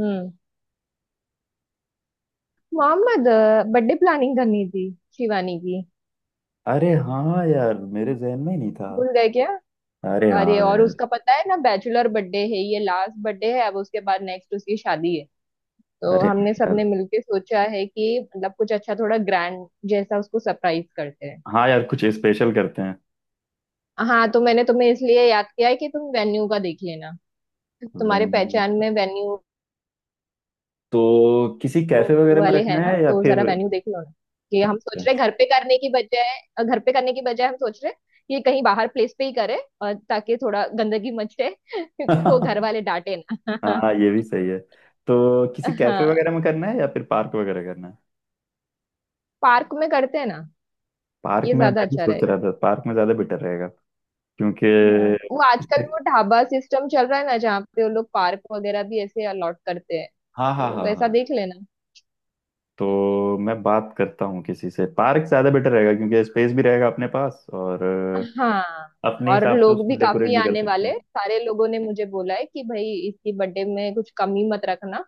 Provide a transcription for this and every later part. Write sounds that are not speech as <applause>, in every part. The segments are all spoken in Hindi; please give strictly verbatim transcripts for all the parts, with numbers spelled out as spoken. हम्म मोहम्मद, बर्थडे प्लानिंग करनी थी शिवानी की। अरे हाँ यार मेरे जहन में ही नहीं था। भूल गए क्या? अरे अरे, हाँ और यार। उसका पता है ना, बैचलर बर्थडे है, ये लास्ट बर्थडे है। अब उसके बाद नेक्स्ट उसकी शादी है, तो अरे हाँ हमने सबने यार। मिलके सोचा है कि मतलब कुछ अच्छा थोड़ा ग्रैंड जैसा उसको सरप्राइज करते हैं। हाँ यार कुछ स्पेशल करते हैं। हाँ, तो मैंने तुम्हें इसलिए याद किया है कि तुम वेन्यू का देख लेना। तुम्हारे वेन्यू। पहचान में वेन्यू तो किसी कैफे वो वगैरह में वाले रखना हैं ना, है या तो फिर। जरा वेन्यू देख लो ना। कि हम सोच रहे अच्छा। घर पे करने की बजाय अ, घर पे करने की बजाय हम सोच रहे कि कहीं बाहर प्लेस पे ही करें, और ताकि थोड़ा गंदगी मचे <laughs> तो घर <laughs> वाले डांटे ना। हाँ ये भी सही है। तो किसी <laughs> कैफे हाँ, वगैरह में करना है या फिर पार्क वगैरह करना है। पार्क में करते हैं ना, पार्क ये में ज्यादा मैं भी अच्छा सोच रहेगा। रहा था, पार्क में ज्यादा बेटर रहेगा क्योंकि। हाँ, वो आजकल वो ढाबा सिस्टम चल रहा है ना, जहाँ पे वो लोग पार्क वगैरह भी ऐसे अलॉट करते हैं, हाँ हाँ तो हाँ वैसा हाँ। देख लेना। तो मैं बात करता हूँ किसी से, पार्क ज्यादा बेटर रहेगा क्योंकि स्पेस भी रहेगा अपने पास, और हाँ, अपने और हिसाब से लोग उसको भी डेकोरेट काफी भी कर आने सकते हैं। वाले, सारे लोगों ने मुझे बोला है कि भाई इसकी बर्थडे में कुछ कमी मत रखना।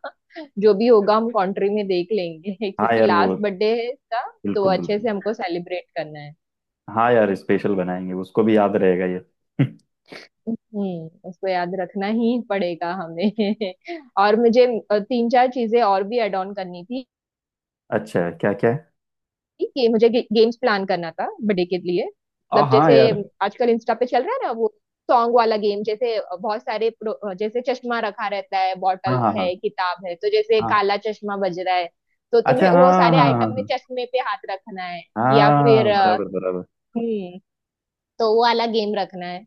जो भी होगा हम कंट्री में देख लेंगे <laughs> हाँ क्योंकि यार वो लास्ट बर्थडे है इसका। तो बिल्कुल बिल्कुल। अच्छे से हमको सेलिब्रेट करना है। हाँ यार स्पेशल बनाएंगे, उसको भी याद रहेगा ये। <laughs> हम्म उसको याद रखना ही पड़ेगा हमें। <laughs> और मुझे अ, तीन चार चीजें और भी ऐड ऑन करनी थी। अच्छा क्या क्या है। ये मुझे गे, गेम्स प्लान करना था बर्थडे के लिए, आ, मतलब हाँ जैसे यार। आजकल इंस्टा पे चल रहा है ना वो सॉन्ग वाला गेम, जैसे बहुत सारे प्रो- जैसे चश्मा रखा रहता है, हाँ बॉटल हाँ हाँ है, किताब है, तो जैसे हाँ। काला चश्मा बज रहा है, तो तुम्हें अच्छा वो हाँ। सारे हाँ आइटम में हाँ। चश्मे पे हाथ रखना है। हाँ, या हाँ, फिर हाँ, अ, बराबर बराबर। हम्म तो वो वाला गेम रखना है।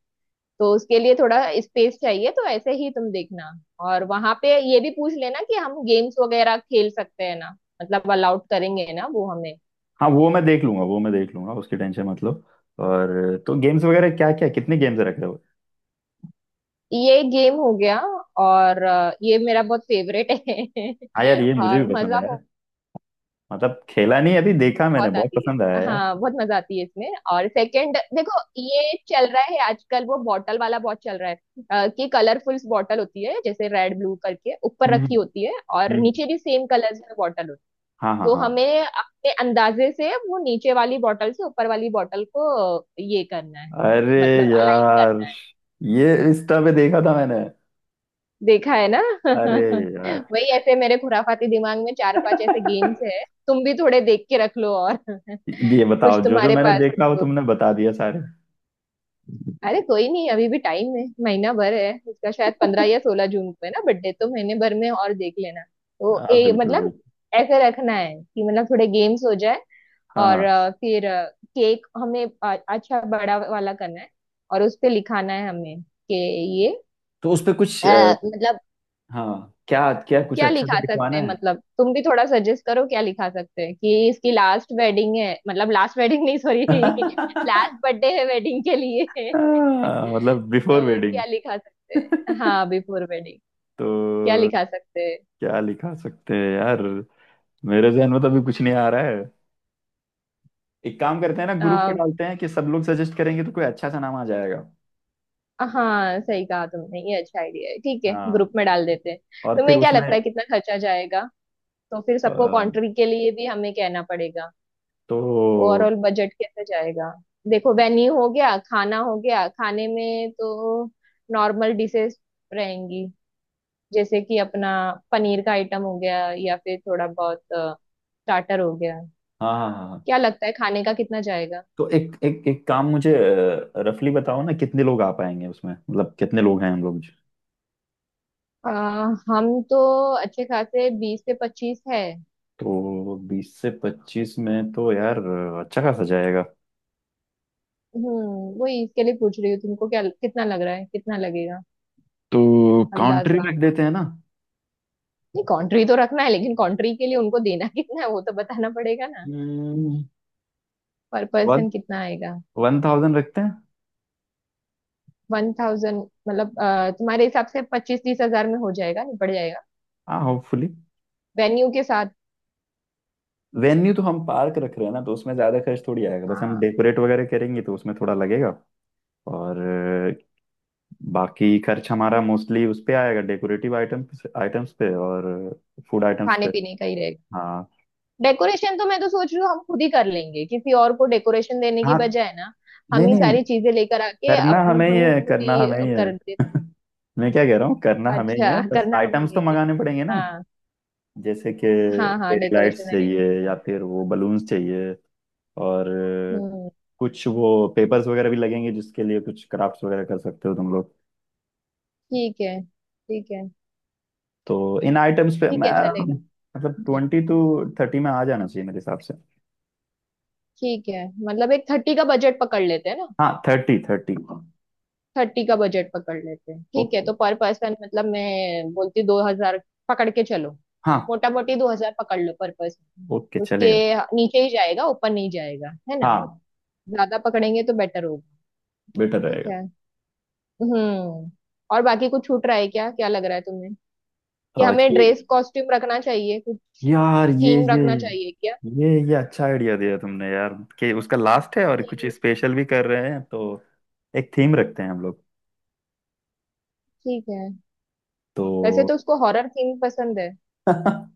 तो उसके लिए थोड़ा स्पेस चाहिए, तो ऐसे ही तुम देखना। और वहां पे ये भी पूछ लेना कि हम गेम्स वगैरह खेल सकते हैं ना, मतलब अलाउड करेंगे ना वो हमें। हाँ वो मैं देख लूंगा, वो मैं देख लूंगा, उसकी टेंशन मतलब। और तो गेम्स वगैरह क्या क्या? कितने गेम्स रख रहे हो? ये गेम हो गया। और अ, ये मेरा बहुत फेवरेट है हाँ यार <laughs> ये मुझे और भी पसंद मजा आया। बहुत मतलब खेला नहीं, अभी देखा मैंने, बहुत बहुत आती पसंद आया है, यार। हाँ, बहुत मजा आती है इसमें। और सेकंड देखो, ये चल रहा है आजकल वो बॉटल वाला, बहुत चल रहा है। अ, कि कलरफुल बॉटल होती है, जैसे रेड ब्लू करके ऊपर हम्म। रखी होती है, और हम्म, नीचे भी सेम कलर्स में बॉटल होती है। हाँ हाँ तो हाँ। हमें अपने अंदाजे से वो नीचे वाली बॉटल से ऊपर वाली बॉटल को अ, ये करना है, अरे मतलब अलाइन करना यार, है। ये इंस्टा पे देखा था मैंने। देखा है ना? अरे <laughs> वही ऐसे मेरे खुराफाती दिमाग में चार पांच ऐसे गेम्स है, तुम भी थोड़े देख के रख लो और <laughs> कुछ ये बताओ, जो जो तुम्हारे मैंने पास हो देखा वो तो। तुमने बता दिया सारे। अरे कोई नहीं, अभी भी टाइम है, महीना भर है उसका, शायद पंद्रह या सोलह जून को है ना बर्थडे, तो महीने भर में और देख लेना, तो हाँ ए बिल्कुल मतलब बिल्कुल। ऐसे रखना है कि मतलब थोड़े गेम्स हो जाए। हाँ और हाँ। अ, फिर केक हमें अ- अच्छा बड़ा वाला करना है, और उस पे लिखाना है हमें कि ये तो उस पे कुछ अ, अ, मतलब हाँ क्या क्या कुछ क्या अच्छा से लिखा सकते लिखवाना हैं, है। मतलब तुम भी थोड़ा सजेस्ट करो क्या लिखा सकते हैं, कि इसकी लास्ट वेडिंग है, मतलब लास्ट वेडिंग नहीं, सॉरी, <laughs> लास्ट बर्थडे <laughs> है वेडिंग के लिए। <laughs> हाँ, मतलब बिफोर तो वेडिंग। क्या लिखा सकते हैं? हाँ, बिफोर वेडिंग क्या तो लिखा सकते हैं? क्या लिखा सकते हैं यार? मेरे जहन में तो अभी कुछ नहीं आ रहा है। एक काम करते हैं ना, ग्रुप पे अ, डालते हैं कि सब लोग सजेस्ट करेंगे तो कोई अच्छा सा नाम आ जाएगा। हाँ सही कहा तुमने, ये अच्छा आइडिया है, ठीक है, हाँ। ग्रुप में डाल देते हैं। और फिर तुम्हें क्या उसमें लगता है कितना खर्चा जाएगा? तो फिर अ, सबको कंट्री के लिए भी हमें कहना पड़ेगा। तो। ओवरऑल बजट कैसे जाएगा? देखो, वेन्यू हो गया, खाना हो गया, खाने में तो नॉर्मल डिशेस रहेंगी, जैसे कि अपना पनीर का आइटम हो गया, या फिर थोड़ा बहुत स्टार्टर हो गया। हाँ हाँ हाँ। क्या लगता है खाने का कितना जाएगा? तो एक एक एक काम, मुझे रफली बताओ ना, कितने लोग आ पाएंगे उसमें, मतलब कितने लोग हैं हम लोग। अ, हम तो अच्छे खासे बीस से पच्चीस है। तो बीस से पच्चीस में तो यार अ, अच्छा खासा जाएगा। हम्म वही इसके लिए पूछ रही हूँ तुमको, क्या कितना लग रहा है, कितना लगेगा, तो काउंट्री अंदाजा? रख देते हैं ना। नहीं, कंट्री तो रखना है, लेकिन कंट्री के लिए उनको देना <laughs> कितना है वो तो बताना पड़ेगा ना। हम्म, पर वन पर्सन कितना आएगा? वन थाउजेंड रखते हैं। One thousand? मतलब अ, तुम्हारे हिसाब से पच्चीस तीस हजार में हो जाएगा, निपट जाएगा, हाँ होपफुली। वेन्यू के साथ? वेन्यू तो हम पार्क रख रहे हैं ना, तो उसमें ज्यादा खर्च थोड़ी आएगा, बस हम हाँ, डेकोरेट वगैरह करेंगे तो उसमें थोड़ा लगेगा। और अ, बाकी खर्च हमारा मोस्टली उस पे आएगा, डेकोरेटिव आइटम आइटम्स पे और फूड आइटम्स खाने पे। पीने का ही रहेगा। हाँ डेकोरेशन तो मैं तो सोच रही हूँ हम खुद ही कर लेंगे, किसी और को डेकोरेशन देने की हाँ। बजाय ना। नहीं हम ही नहीं, सारी चीजें लेकर आके करना अपन हमें ही हम है, खुद करना ही हमें ही है। कर दे। <laughs> मैं क्या कह रहा हूँ, करना हमें ही अच्छा, है, बस करना हमें, आइटम्स तो ये क्या? मंगाने पड़ेंगे ना। हाँ जैसे कि हाँ हाँ, फेरी लाइट्स डेकोरेशन आइटम चाहिए, या बनाना फिर पड़ेगा। वो बलून्स चाहिए। और अ, हम्म, कुछ वो पेपर्स वगैरह भी लगेंगे, जिसके लिए कुछ क्राफ्ट्स वगैरह कर सकते हो तुम लोग। ठीक है, ठीक है तो इन आइटम्स पे ठीक मैं, है, चलेगा। मतलब हम्म, ट्वेंटी टू थर्टी में आ जाना चाहिए मेरे हिसाब से। ठीक है, मतलब एक थर्टी का बजट पकड़ लेते हैं ना। हाँ थर्टी थर्टी। थर्टी का बजट पकड़ लेते हैं, ठीक है। ओके। तो पर पर्सन मतलब मैं बोलती दो हजार पकड़ के चलो, हाँ। मोटा मोटी दो हजार पकड़ लो पर पर्सन। ओके उसके चलेगा। नीचे ही जाएगा, ऊपर नहीं जाएगा, है ना? हाँ ज्यादा पकड़ेंगे तो बेटर होगा। बेटर ठीक रहेगा। है। हम्म और बाकी कुछ छूट रहा है क्या, क्या लग रहा है तुम्हें? कि और हमें केक। ड्रेस कॉस्ट्यूम रखना चाहिए कुछ, यार ये थीम ये रखना चाहिए क्या? ये ये अच्छा आइडिया दिया तुमने यार। कि उसका लास्ट है और कुछ थीम स्पेशल भी कर रहे हैं, तो एक थीम रखते हैं हम लोग। ठीक है। तो वैसे तो उसको हॉरर थीम पसंद है। <laughs>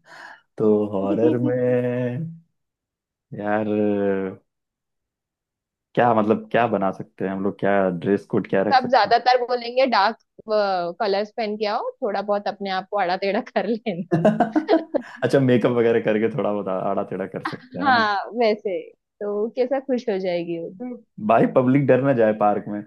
तो हॉरर <laughs> में यार। क्या मतलब, क्या बना सकते हैं हम लोग, क्या ड्रेस कोड क्या रख सब सकते हैं? ज्यादातर बोलेंगे डार्क कलर्स पहन के आओ, थोड़ा बहुत अपने आप को आड़ा टेढ़ा कर लेना। <laughs> अच्छा मेकअप वगैरह करके थोड़ा बहुत आड़ा टेढ़ा कर सकते <laughs> हैं, है ना? हाँ वैसे, तो कैसा खुश हो जाएगी वो। <laughs> भाई पब्लिक डर ना जाए पार्क में।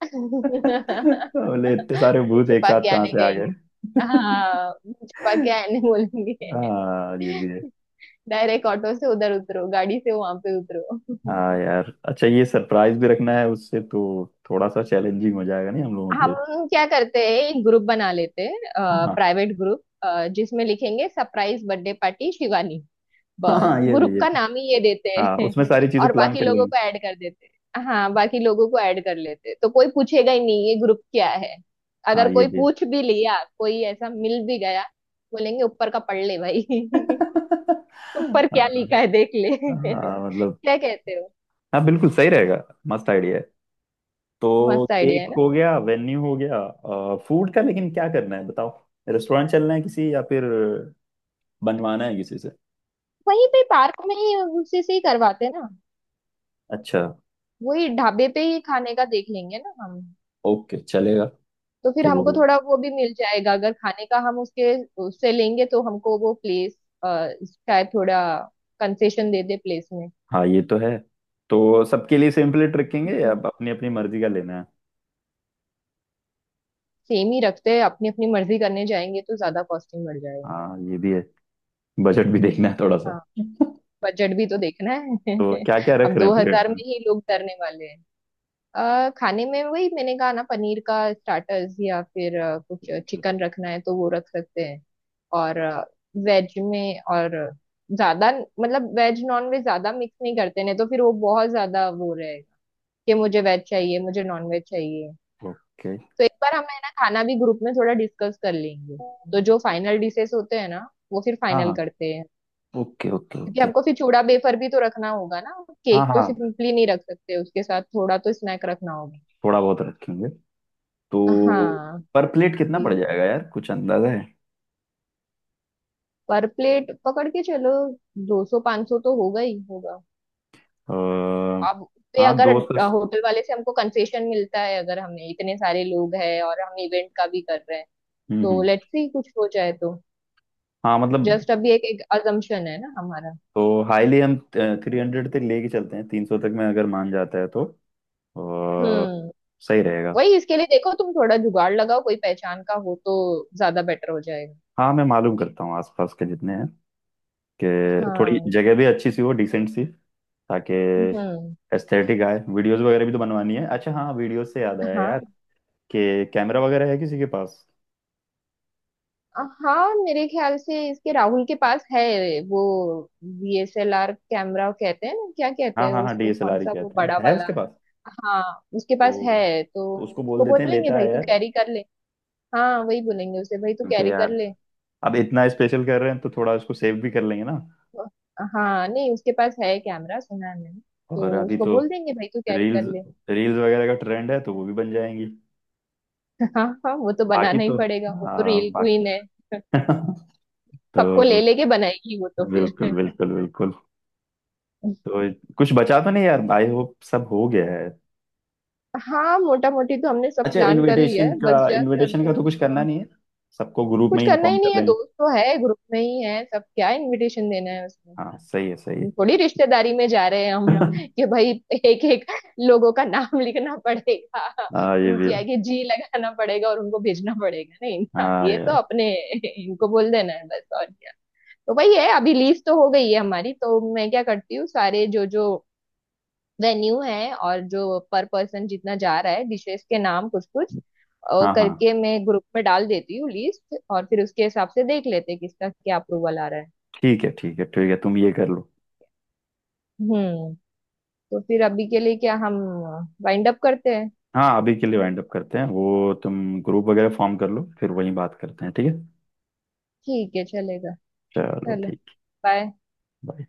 <laughs> <laughs> बोले इतने सारे मुंह भूत एक छुपा साथ के कहाँ आने से आ गए? गएंगे। हाँ, मुंह छुपा के <laughs> आने बोलेंगे। हाँ ये भी है। <laughs> डायरेक्ट ऑटो से उधर उतरो, गाड़ी से वहां पे उतरो। हाँ <laughs> यार, अच्छा, ये सरप्राइज भी रखना है उससे, तो थोड़ा सा चैलेंजिंग हो जाएगा नहीं हम लोगों के हम लिए। क्या करते हैं, एक ग्रुप बना लेते हैं, हाँ। प्राइवेट ग्रुप, जिसमें लिखेंगे सरप्राइज बर्थडे पार्टी शिवानी। बस हाँ ये भी, ग्रुप ये का भी। नाम ही ये देते हाँ हैं। उसमें सारी <laughs> चीजें और प्लान बाकी कर लोगों लेंगे। को ऐड कर देते हैं। हाँ, बाकी लोगों को ऐड कर लेते हैं, तो कोई पूछेगा ही नहीं ये ग्रुप क्या है। हाँ अगर ये कोई भी है। पूछ भी लिया, कोई ऐसा मिल भी गया, बोलेंगे ऊपर का पढ़ ले भाई। <laughs> ऊपर क्या हाँ। लिखा है देख ले। <laughs> हाँ, मतलब। क्या कहते हो? हाँ बिल्कुल सही रहेगा, मस्त आइडिया है। तो मस्त केक आइडिया है ना। हो गया, वेन्यू हो गया। फूड का लेकिन क्या करना है बताओ? रेस्टोरेंट चलना है किसी, या फिर बनवाना है किसी से? वहीं पे पार्क में ही उसी से ही करवाते हैं ना, अच्छा। वही ढाबे पे ही खाने का देख लेंगे ना हम। ओके चलेगा। तो फिर तो। हमको थोड़ा वो भी मिल जाएगा, अगर खाने का हम उसके उससे लेंगे तो हमको वो प्लेस शायद थोड़ा कंसेशन दे दे प्लेस में। हाँ ये तो है। तो सबके लिए सेम प्लेट रखेंगे, या हम्म अपनी अपनी मर्जी का लेना है? सेम ही रखते हैं, अपनी अपनी मर्जी करने जाएंगे तो ज्यादा कॉस्टिंग बढ़ जाएगा। हाँ ये भी है। बजट भी देखना है थोड़ा हाँ, सा। बजट भी तो देखना तो है क्या क्या <laughs> रख अब रहे दो हैं प्लेट हजार में में? ही लोग डरने वाले। अ, खाने में वही मैंने कहा ना, पनीर का स्टार्टर्स या फिर अ, कुछ चिकन रखना है तो वो रख सकते हैं। और वेज में और ज्यादा, मतलब वेज नॉन वेज ज्यादा मिक्स नहीं करते, नहीं तो फिर वो बहुत ज्यादा वो रहेगा कि मुझे वेज चाहिए, मुझे नॉन वेज चाहिए। ओके। तो एक बार हम है ना, खाना भी ग्रुप में थोड़ा डिस्कस कर लेंगे, तो जो फाइनल डिशेस होते हैं ना वो फिर हाँ फाइनल हाँ। करते हैं। ओके ओके क्योंकि ओके। हमको फिर चूड़ा बेफर भी तो रखना होगा ना, हाँ केक तो हाँ सिंपली नहीं रख सकते, उसके साथ थोड़ा तो स्नैक रखना होगा। थोड़ा बहुत रखेंगे। तो हाँ, पर प्लेट कितना पड़ जाएगा यार? कुछ अंदाजा है? पर प्लेट पकड़ के चलो, दो सौ पाँच सौ तो होगा ही होगा। अ, आप पे हाँ अगर दो सौ। होटल वाले से हमको कंसेशन मिलता है, अगर हमें इतने सारे लोग हैं और हम इवेंट का भी कर रहे हैं, हम्म तो हम्म। लेट्स सी, कुछ हो जाए तो। हाँ मतलब। जस्ट अभी एक एक अजम्पशन है ना हमारा। तो हाईली हम थ्री हंड्रेड तक लेके चलते हैं, तीन सौ तक में अगर मान जाता है तो अ, हम्म सही रहेगा। वही इसके लिए देखो, तुम थोड़ा जुगाड़ लगाओ, कोई पहचान का हो तो ज्यादा बेटर हो जाएगा। हाँ मैं मालूम करता हूँ आसपास के जितने हैं, कि थोड़ी हाँ। जगह भी अच्छी सी हो, डिसेंट सी। ताकि हम्म। एस्थेटिक आए, वीडियोस वगैरह भी तो बनवानी है। अच्छा हाँ, वीडियोस से याद आया यार, हाँ, कि कैमरा वगैरह है किसी के पास? हाँ, मेरे ख्याल से इसके राहुल के पास है। वो D S L R camera कहते हैं ना, क्या कहते हाँ हैं हाँ हाँ, उसको, कौन डी एस एल आर ही सा वो कहते हैं, बड़ा है वाला। उसके पास। हाँ, उसके पास तो, है, तो तो उसको बोल उसको देते हैं, बोलेंगे लेता भाई है तू यार। कैरी कर ले। हाँ, वही बोलेंगे उसे भाई तू क्योंकि कैरी कर यार, ले। अब इतना स्पेशल कर रहे हैं तो थोड़ा उसको सेव भी कर लेंगे ना। तो- हाँ, नहीं, उसके पास है कैमरा, सुना है मैंने। और तो अभी उसको तो बोल देंगे भाई तू कैरी कर रील्स ले। रील्स वगैरह का ट्रेंड है, तो वो भी बन जाएंगी। <laughs> हाँ हाँ, वो तो बाकी बनाना ही तो। पड़ेगा, वो तो हाँ। रील क्वीन है, बाकी <laughs> सबको तो ले लेके बनाएगी वो तो बिल्कुल फिर। बिल्कुल बिल्कुल। <laughs> तो कुछ बचा तो नहीं यार, आई होप सब हो गया है। हाँ, मोटा मोटी तो हमने सब अच्छा प्लान कर लिया इनविटेशन है, का बस जस्ट इनविटेशन का अभी तो कुछ करना नहीं है, सबको ग्रुप में कुछ ही करना इन्फॉर्म ही नहीं कर है, देंगे। दोस्त तो है, ग्रुप में ही है सब, क्या इनविटेशन देना है उसमें। हाँ सही है, सही है। थोड़ी रिश्तेदारी में जा रहे हैं हम <laughs> कि भाई एक एक लोगों का नाम <laughs> लिखना पड़ेगा, हाँ ये भी है। उनकी आगे जी लगाना पड़ेगा और उनको भेजना पड़ेगा। नहीं ना, हाँ ये तो यार। अपने इनको बोल देना है बस, और क्या। तो भाई है, अभी लीज तो हो गई है हमारी, तो मैं क्या करती हूँ, सारे जो जो वेन्यू है और जो पर पर्सन जितना जा रहा है, डिशेस के नाम कुछ कुछ और हाँ हाँ। करके मैं ग्रुप में डाल देती हूँ लिस्ट, और फिर उसके हिसाब से देख लेते हैं किसका क्या अप्रूवल आ रहा है। ठीक है ठीक है ठीक है, तुम ये कर लो। हम्म, तो फिर अभी के लिए क्या हम वाइंड अप करते हैं? हाँ अभी के लिए वाइंड अप करते हैं, वो तुम ग्रुप वगैरह फॉर्म कर लो, फिर वहीं बात करते हैं, ठीक है। ठीक है, चलेगा। चलो चलो। ठीक। बाय। बाय।